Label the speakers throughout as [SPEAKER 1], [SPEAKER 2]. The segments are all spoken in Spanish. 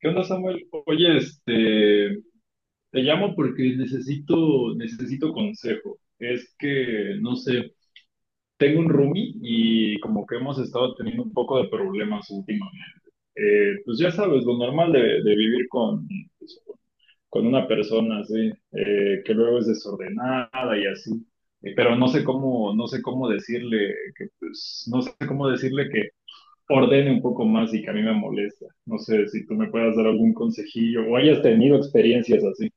[SPEAKER 1] ¿Qué onda, Samuel? Oye, te llamo porque necesito consejo. Es que, no sé, tengo un roomie y como que hemos estado teniendo un poco de problemas últimamente. Pues ya sabes, lo normal de vivir con, pues, con una persona así, que luego es desordenada y así. Pero no sé cómo, no sé cómo decirle que, pues, no sé cómo decirle ordene un poco más y que a mí me molesta. No sé si tú me puedas dar algún consejillo o hayas tenido experiencias así.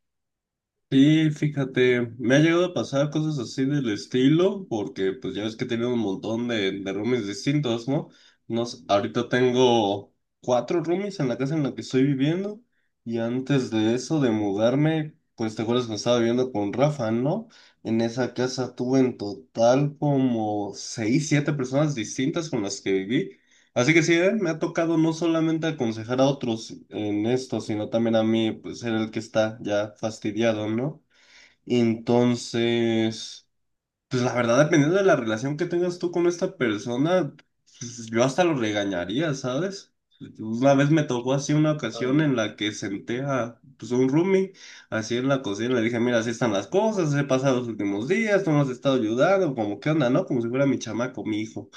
[SPEAKER 2] Sí, fíjate, me ha llegado a pasar cosas así del estilo, porque pues ya ves que he tenido un montón de roomies distintos, ¿no? Nos, ahorita tengo cuatro roomies en la casa en la que estoy viviendo, y antes de eso, de mudarme, pues te acuerdas que estaba viviendo con Rafa, ¿no? En esa casa tuve en total como seis, siete personas distintas con las que viví. Así que sí, me ha tocado no solamente aconsejar a otros en esto, sino también a mí, pues ser el que está ya fastidiado, ¿no? Entonces, pues la verdad, dependiendo de la relación que tengas tú con esta persona, pues yo hasta lo regañaría, ¿sabes? Una vez me tocó así una ocasión en
[SPEAKER 1] Ah,
[SPEAKER 2] la que senté a pues, un roomie así en la cocina, le dije, mira, así están las cosas, he pasado los últimos días, tú no has estado ayudando, como qué onda, ¿no? Como si fuera mi chamaco, mi hijo.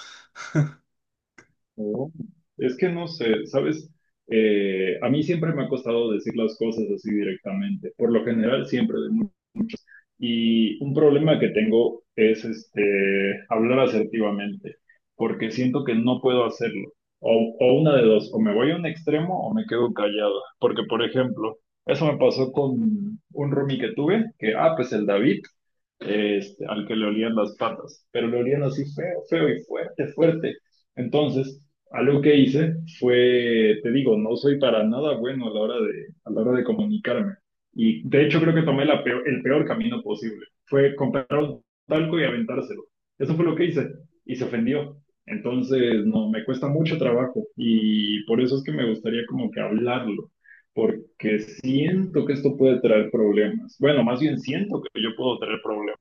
[SPEAKER 1] no. Es que no sé, ¿sabes? A mí siempre me ha costado decir las cosas así directamente. Por lo general, siempre de Y un problema que tengo es este, hablar asertivamente, porque siento que no puedo hacerlo. O una de dos, o me voy a un extremo o me quedo callado. Porque, por ejemplo, eso me pasó con un roomie que tuve, pues el David, al que le olían las patas, pero le olían así feo, feo y fuerte, fuerte. Entonces, algo que hice fue, te digo, no soy para nada bueno a la hora de, a la hora de comunicarme. Y de hecho creo que tomé el peor camino posible. Fue comprar un talco y aventárselo. Eso fue lo que hice. Y se ofendió. Entonces, no, me cuesta mucho trabajo. Y por eso es que me gustaría como que hablarlo. Porque siento que esto puede traer problemas. Bueno, más bien siento que yo puedo traer problemas.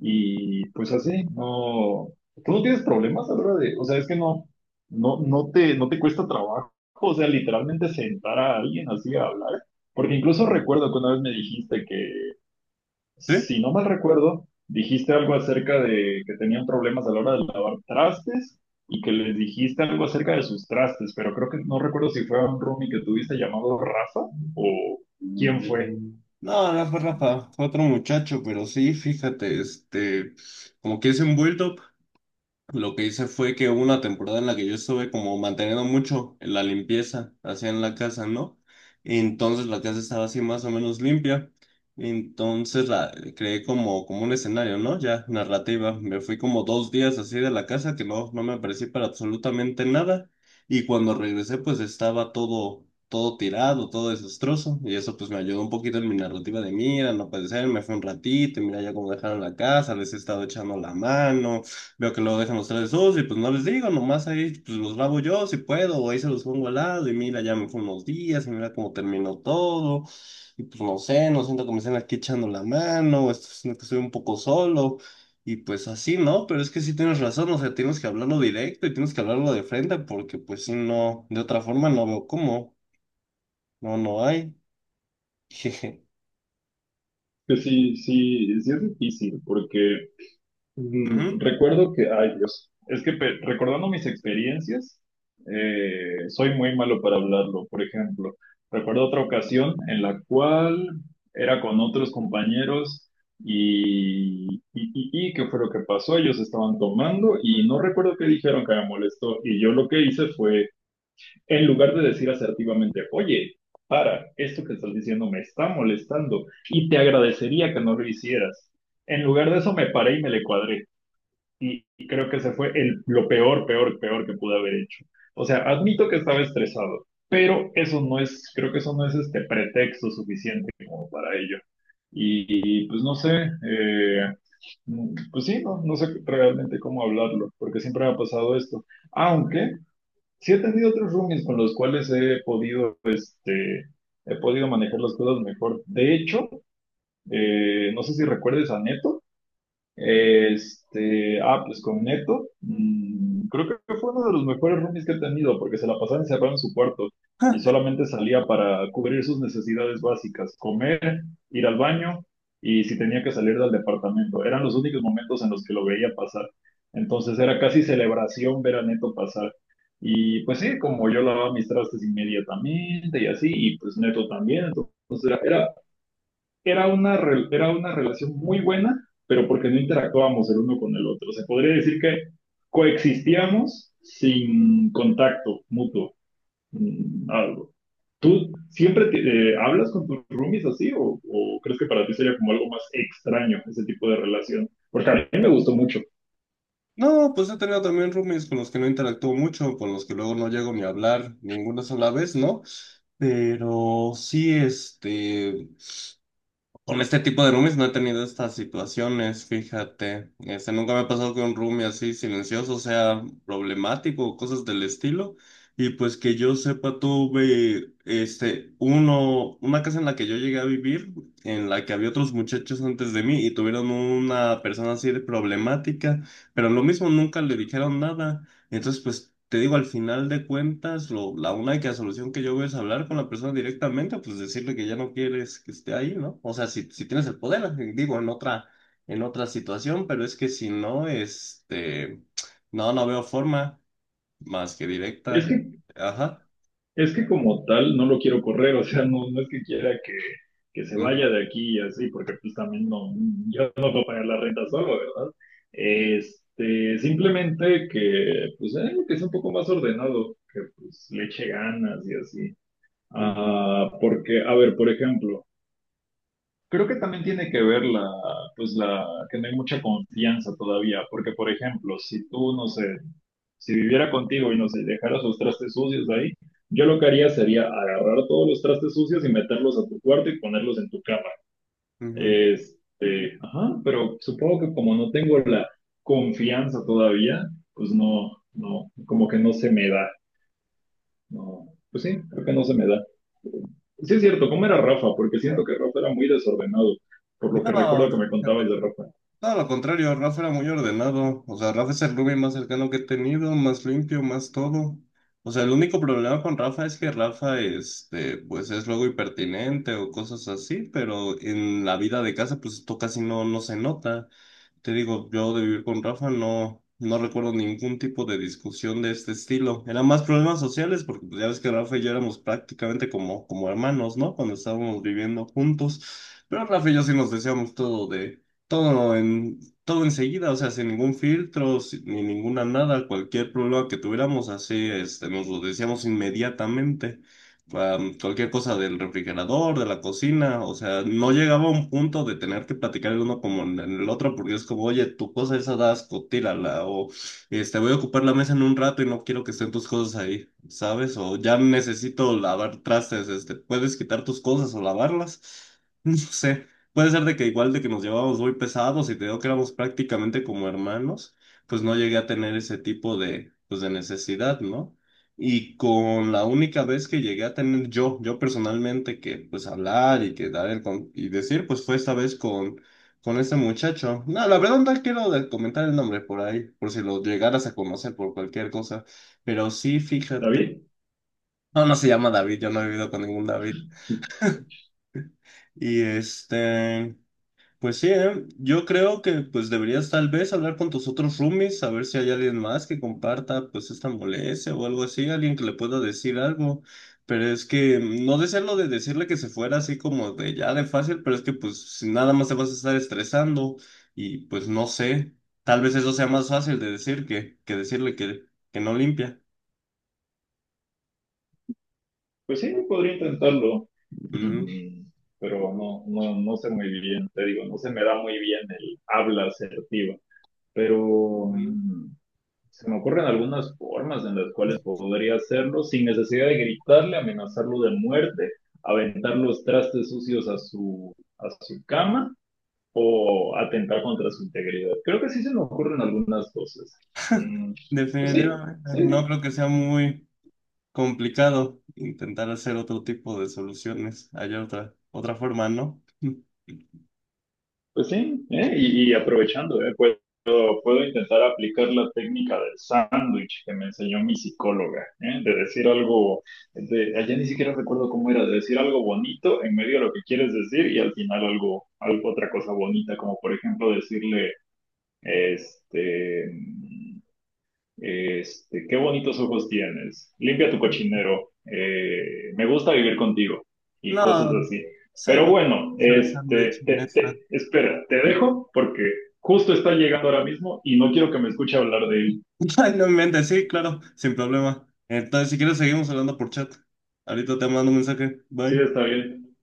[SPEAKER 1] Y pues así, no. ¿Tú no tienes problemas a la hora de- O sea, es que no, no te, no te cuesta trabajo. O sea, literalmente sentar a alguien así a hablar. Porque incluso recuerdo que una vez me dijiste que,
[SPEAKER 2] ¿Sí?
[SPEAKER 1] si no mal recuerdo, dijiste algo acerca de que tenían problemas a la hora de lavar trastes y que les dijiste algo acerca de sus trastes, pero creo que no recuerdo si fue a un roomie que tuviste llamado Rafa o quién fue.
[SPEAKER 2] No, no fue Rafa, fue otro muchacho, pero sí, fíjate, como que es envuelto. Lo que hice fue que hubo una temporada en la que yo estuve como manteniendo mucho la limpieza, así en la casa, ¿no? Entonces la casa estaba así más o menos limpia. Entonces la creé como, como un escenario, ¿no? Ya narrativa. Me fui como dos días así de la casa que no, no me aparecí para absolutamente nada. Y cuando regresé, pues estaba todo, todo tirado, todo desastroso. Y eso pues me ayudó un poquito en mi narrativa de mira, no puede ser, me fui un ratito, y mira ya cómo dejaron la casa, les he estado echando la mano. Veo que luego dejan los tres sucios y pues no les digo, nomás ahí pues los lavo yo si puedo, o ahí se los pongo al lado y mira, ya me fue unos días y mira cómo terminó todo. Y pues no sé, no siento que me estén aquí echando la mano, o esto- siento que estoy un poco solo. Y pues así, ¿no? Pero es que sí tienes razón, o sea, tienes que hablarlo directo y tienes que hablarlo de frente porque pues si no, de otra forma no veo cómo. No, no hay. Jeje.
[SPEAKER 1] Que sí, sí, sí es difícil, porque
[SPEAKER 2] Ujú.
[SPEAKER 1] mm, recuerdo que, ay Dios, recordando mis experiencias, soy muy malo para hablarlo. Por ejemplo, recuerdo otra ocasión en la cual era con otros compañeros y ¿qué fue lo que pasó? Ellos estaban tomando y no recuerdo qué dijeron que me molestó. Y yo lo que hice fue, en lugar de decir asertivamente, oye, para, esto que estás diciendo me está molestando y te agradecería que no lo hicieras. En lugar de eso me paré y me le cuadré y creo que lo peor, peor, peor que pude haber hecho. O sea, admito que estaba estresado, pero eso no es, creo que eso no es este pretexto suficiente como para ello. Pues no sé, pues sí, no, no sé realmente cómo hablarlo, porque siempre me ha pasado esto. Aunque sí he tenido otros roomies con los cuales he podido, he podido manejar las cosas mejor. De hecho, no sé si recuerdes a Neto. Pues con Neto, mm, creo que fue uno de los mejores roomies que he tenido, porque se la pasaba encerrado en su cuarto y solamente salía para cubrir sus necesidades básicas, comer, ir al baño y si tenía que salir del departamento. Eran los únicos momentos en los que lo veía pasar. Entonces era casi celebración ver a Neto pasar. Y pues sí, como yo lavaba mis trastes inmediatamente y así, y pues Neto también, entonces era era una relación muy buena, pero porque no interactuábamos el uno con el otro. Se podría decir que coexistíamos sin contacto mutuo, mm, algo. ¿Hablas con tus roomies así o crees que para ti sería como algo más extraño ese tipo de relación? Porque a mí me gustó mucho.
[SPEAKER 2] No, pues he tenido también roomies con los que no interactúo mucho, con los que luego no llego ni a hablar ninguna sola vez, ¿no? Pero sí, este, con este tipo de roomies no he tenido estas situaciones, fíjate. Este, nunca me ha pasado que un roomie así silencioso sea problemático o cosas del estilo. Y pues que yo sepa, tuve, este, uno, una casa en la que yo llegué a vivir, en la que había otros muchachos antes de mí y tuvieron una persona así de problemática, pero lo mismo nunca le dijeron nada. Entonces, pues te digo, al final de cuentas, lo, la única solución que yo veo es hablar con la persona directamente, pues decirle que ya no quieres que esté ahí, ¿no? O sea, si, si tienes el poder, digo, en otra situación, pero es que si no, no, no veo forma más que
[SPEAKER 1] Es
[SPEAKER 2] directa.
[SPEAKER 1] que
[SPEAKER 2] Ajá.
[SPEAKER 1] Es que como tal no lo quiero correr, o sea, no, no es que quiera que se
[SPEAKER 2] Ujú,
[SPEAKER 1] vaya de aquí y así, porque pues también no, yo no puedo pagar la renta solo, ¿verdad? Este, simplemente que, pues, que es un poco más ordenado, que pues le eche ganas y así.
[SPEAKER 2] ujú,
[SPEAKER 1] Ah, porque, a ver, por ejemplo, creo que también tiene que ver pues la, que no hay mucha confianza todavía, porque por ejemplo, si tú, no sé, si viviera contigo y no sé, dejaras los trastes sucios ahí, yo lo que haría sería agarrar todos los trastes sucios y meterlos a tu cuarto y ponerlos en tu cama.
[SPEAKER 2] ujú.
[SPEAKER 1] Este, ajá, pero supongo que como no tengo la confianza todavía, pues no, no, como que no se me da. No, pues sí, creo que no se me da. Sí es cierto, ¿cómo era Rafa? Porque siento que Rafa era muy desordenado, por lo que
[SPEAKER 2] No,
[SPEAKER 1] recuerdo que me contabas
[SPEAKER 2] fíjate.
[SPEAKER 1] de Rafa.
[SPEAKER 2] Todo lo contrario, Rafa era muy ordenado. O sea, Rafa es el roomie más cercano que he tenido, más limpio, más todo. O sea, el único problema con Rafa es que Rafa, este, pues es luego impertinente o cosas así, pero en la vida de casa, pues esto casi no, no se nota. Te digo, yo de vivir con Rafa no, no recuerdo ningún tipo de discusión de este estilo. Eran más problemas sociales, porque pues, ya ves que Rafa y yo éramos prácticamente como, como hermanos, ¿no? Cuando estábamos viviendo juntos. Pero Rafa y yo sí nos decíamos todo de todo en, todo enseguida, o sea, sin ningún filtro, sin- ni ninguna nada, cualquier problema que tuviéramos, así, este, nos lo decíamos inmediatamente. Am, cualquier cosa del refrigerador, de la cocina, o sea, no llegaba a un punto de tener que platicar el uno como en el otro, porque es como, oye, tu cosa esa da asco, tírala, o este, voy a ocupar la mesa en un rato y no quiero que estén tus cosas ahí, ¿sabes? O ya necesito lavar trastes, este, ¿puedes quitar tus cosas o lavarlas? No sé. Puede ser de que igual de que nos llevábamos muy pesados y te digo que éramos prácticamente como hermanos, pues no llegué a tener ese tipo de, pues de necesidad, ¿no? Y con la única vez que llegué a tener yo personalmente, que pues hablar y que dar el con- y decir, pues fue esta vez con ese muchacho. No, la verdad no quiero de- comentar el nombre por ahí, por si lo llegaras a conocer por cualquier cosa, pero sí, fíjate.
[SPEAKER 1] ¿David?
[SPEAKER 2] No, no se llama David, yo no he vivido con ningún David. Y este... Pues sí, ¿eh? Yo creo que pues deberías tal vez hablar con tus otros roomies, a ver si hay alguien más que comparta pues esta molestia o algo así, alguien que le pueda decir algo. Pero es que mm, no desearlo de decirle que se fuera así como de ya de fácil, pero es que pues si nada más te vas a estar estresando y pues no sé, tal vez eso sea más fácil de decir que decirle que no limpia.
[SPEAKER 1] Pues sí, podría intentarlo,
[SPEAKER 2] Ujú.
[SPEAKER 1] mm, pero no, no, no sé muy bien, te digo, no se me da muy bien el habla asertiva, pero
[SPEAKER 2] Ujú.
[SPEAKER 1] mm, se me ocurren algunas formas en las cuales podría hacerlo sin necesidad de gritarle, amenazarlo de muerte, aventar los trastes sucios a a su cama o atentar contra su integridad. Creo que sí se me ocurren algunas cosas. Mm, pues sí,
[SPEAKER 2] Definitivamente,
[SPEAKER 1] sí,
[SPEAKER 2] no creo que sea muy... complicado intentar hacer otro tipo de soluciones. Hay otra, otra forma, ¿no?
[SPEAKER 1] pues sí, ¿eh? Y aprovechando, ¿eh? Puedo, puedo intentar aplicar la técnica del sándwich que me enseñó mi psicóloga, ¿eh? De decir algo, de, allá ni siquiera recuerdo cómo era, de decir algo bonito en medio de lo que quieres decir y al final algo, algo otra cosa bonita, como por ejemplo decirle, este... Este, qué bonitos ojos tienes. Limpia tu cochinero. Eh, me gusta vivir contigo. Y
[SPEAKER 2] No,
[SPEAKER 1] cosas así.
[SPEAKER 2] sí,
[SPEAKER 1] Pero
[SPEAKER 2] no,
[SPEAKER 1] bueno,
[SPEAKER 2] se les han hecho en esta.
[SPEAKER 1] espera, te dejo porque justo está llegando ahora mismo y no quiero que me escuche hablar de él.
[SPEAKER 2] Ay, no inventes, sí, claro, sin problema. Entonces, si quieres, seguimos hablando por chat. Ahorita te mando un mensaje.
[SPEAKER 1] Sí,
[SPEAKER 2] Bye.
[SPEAKER 1] está bien.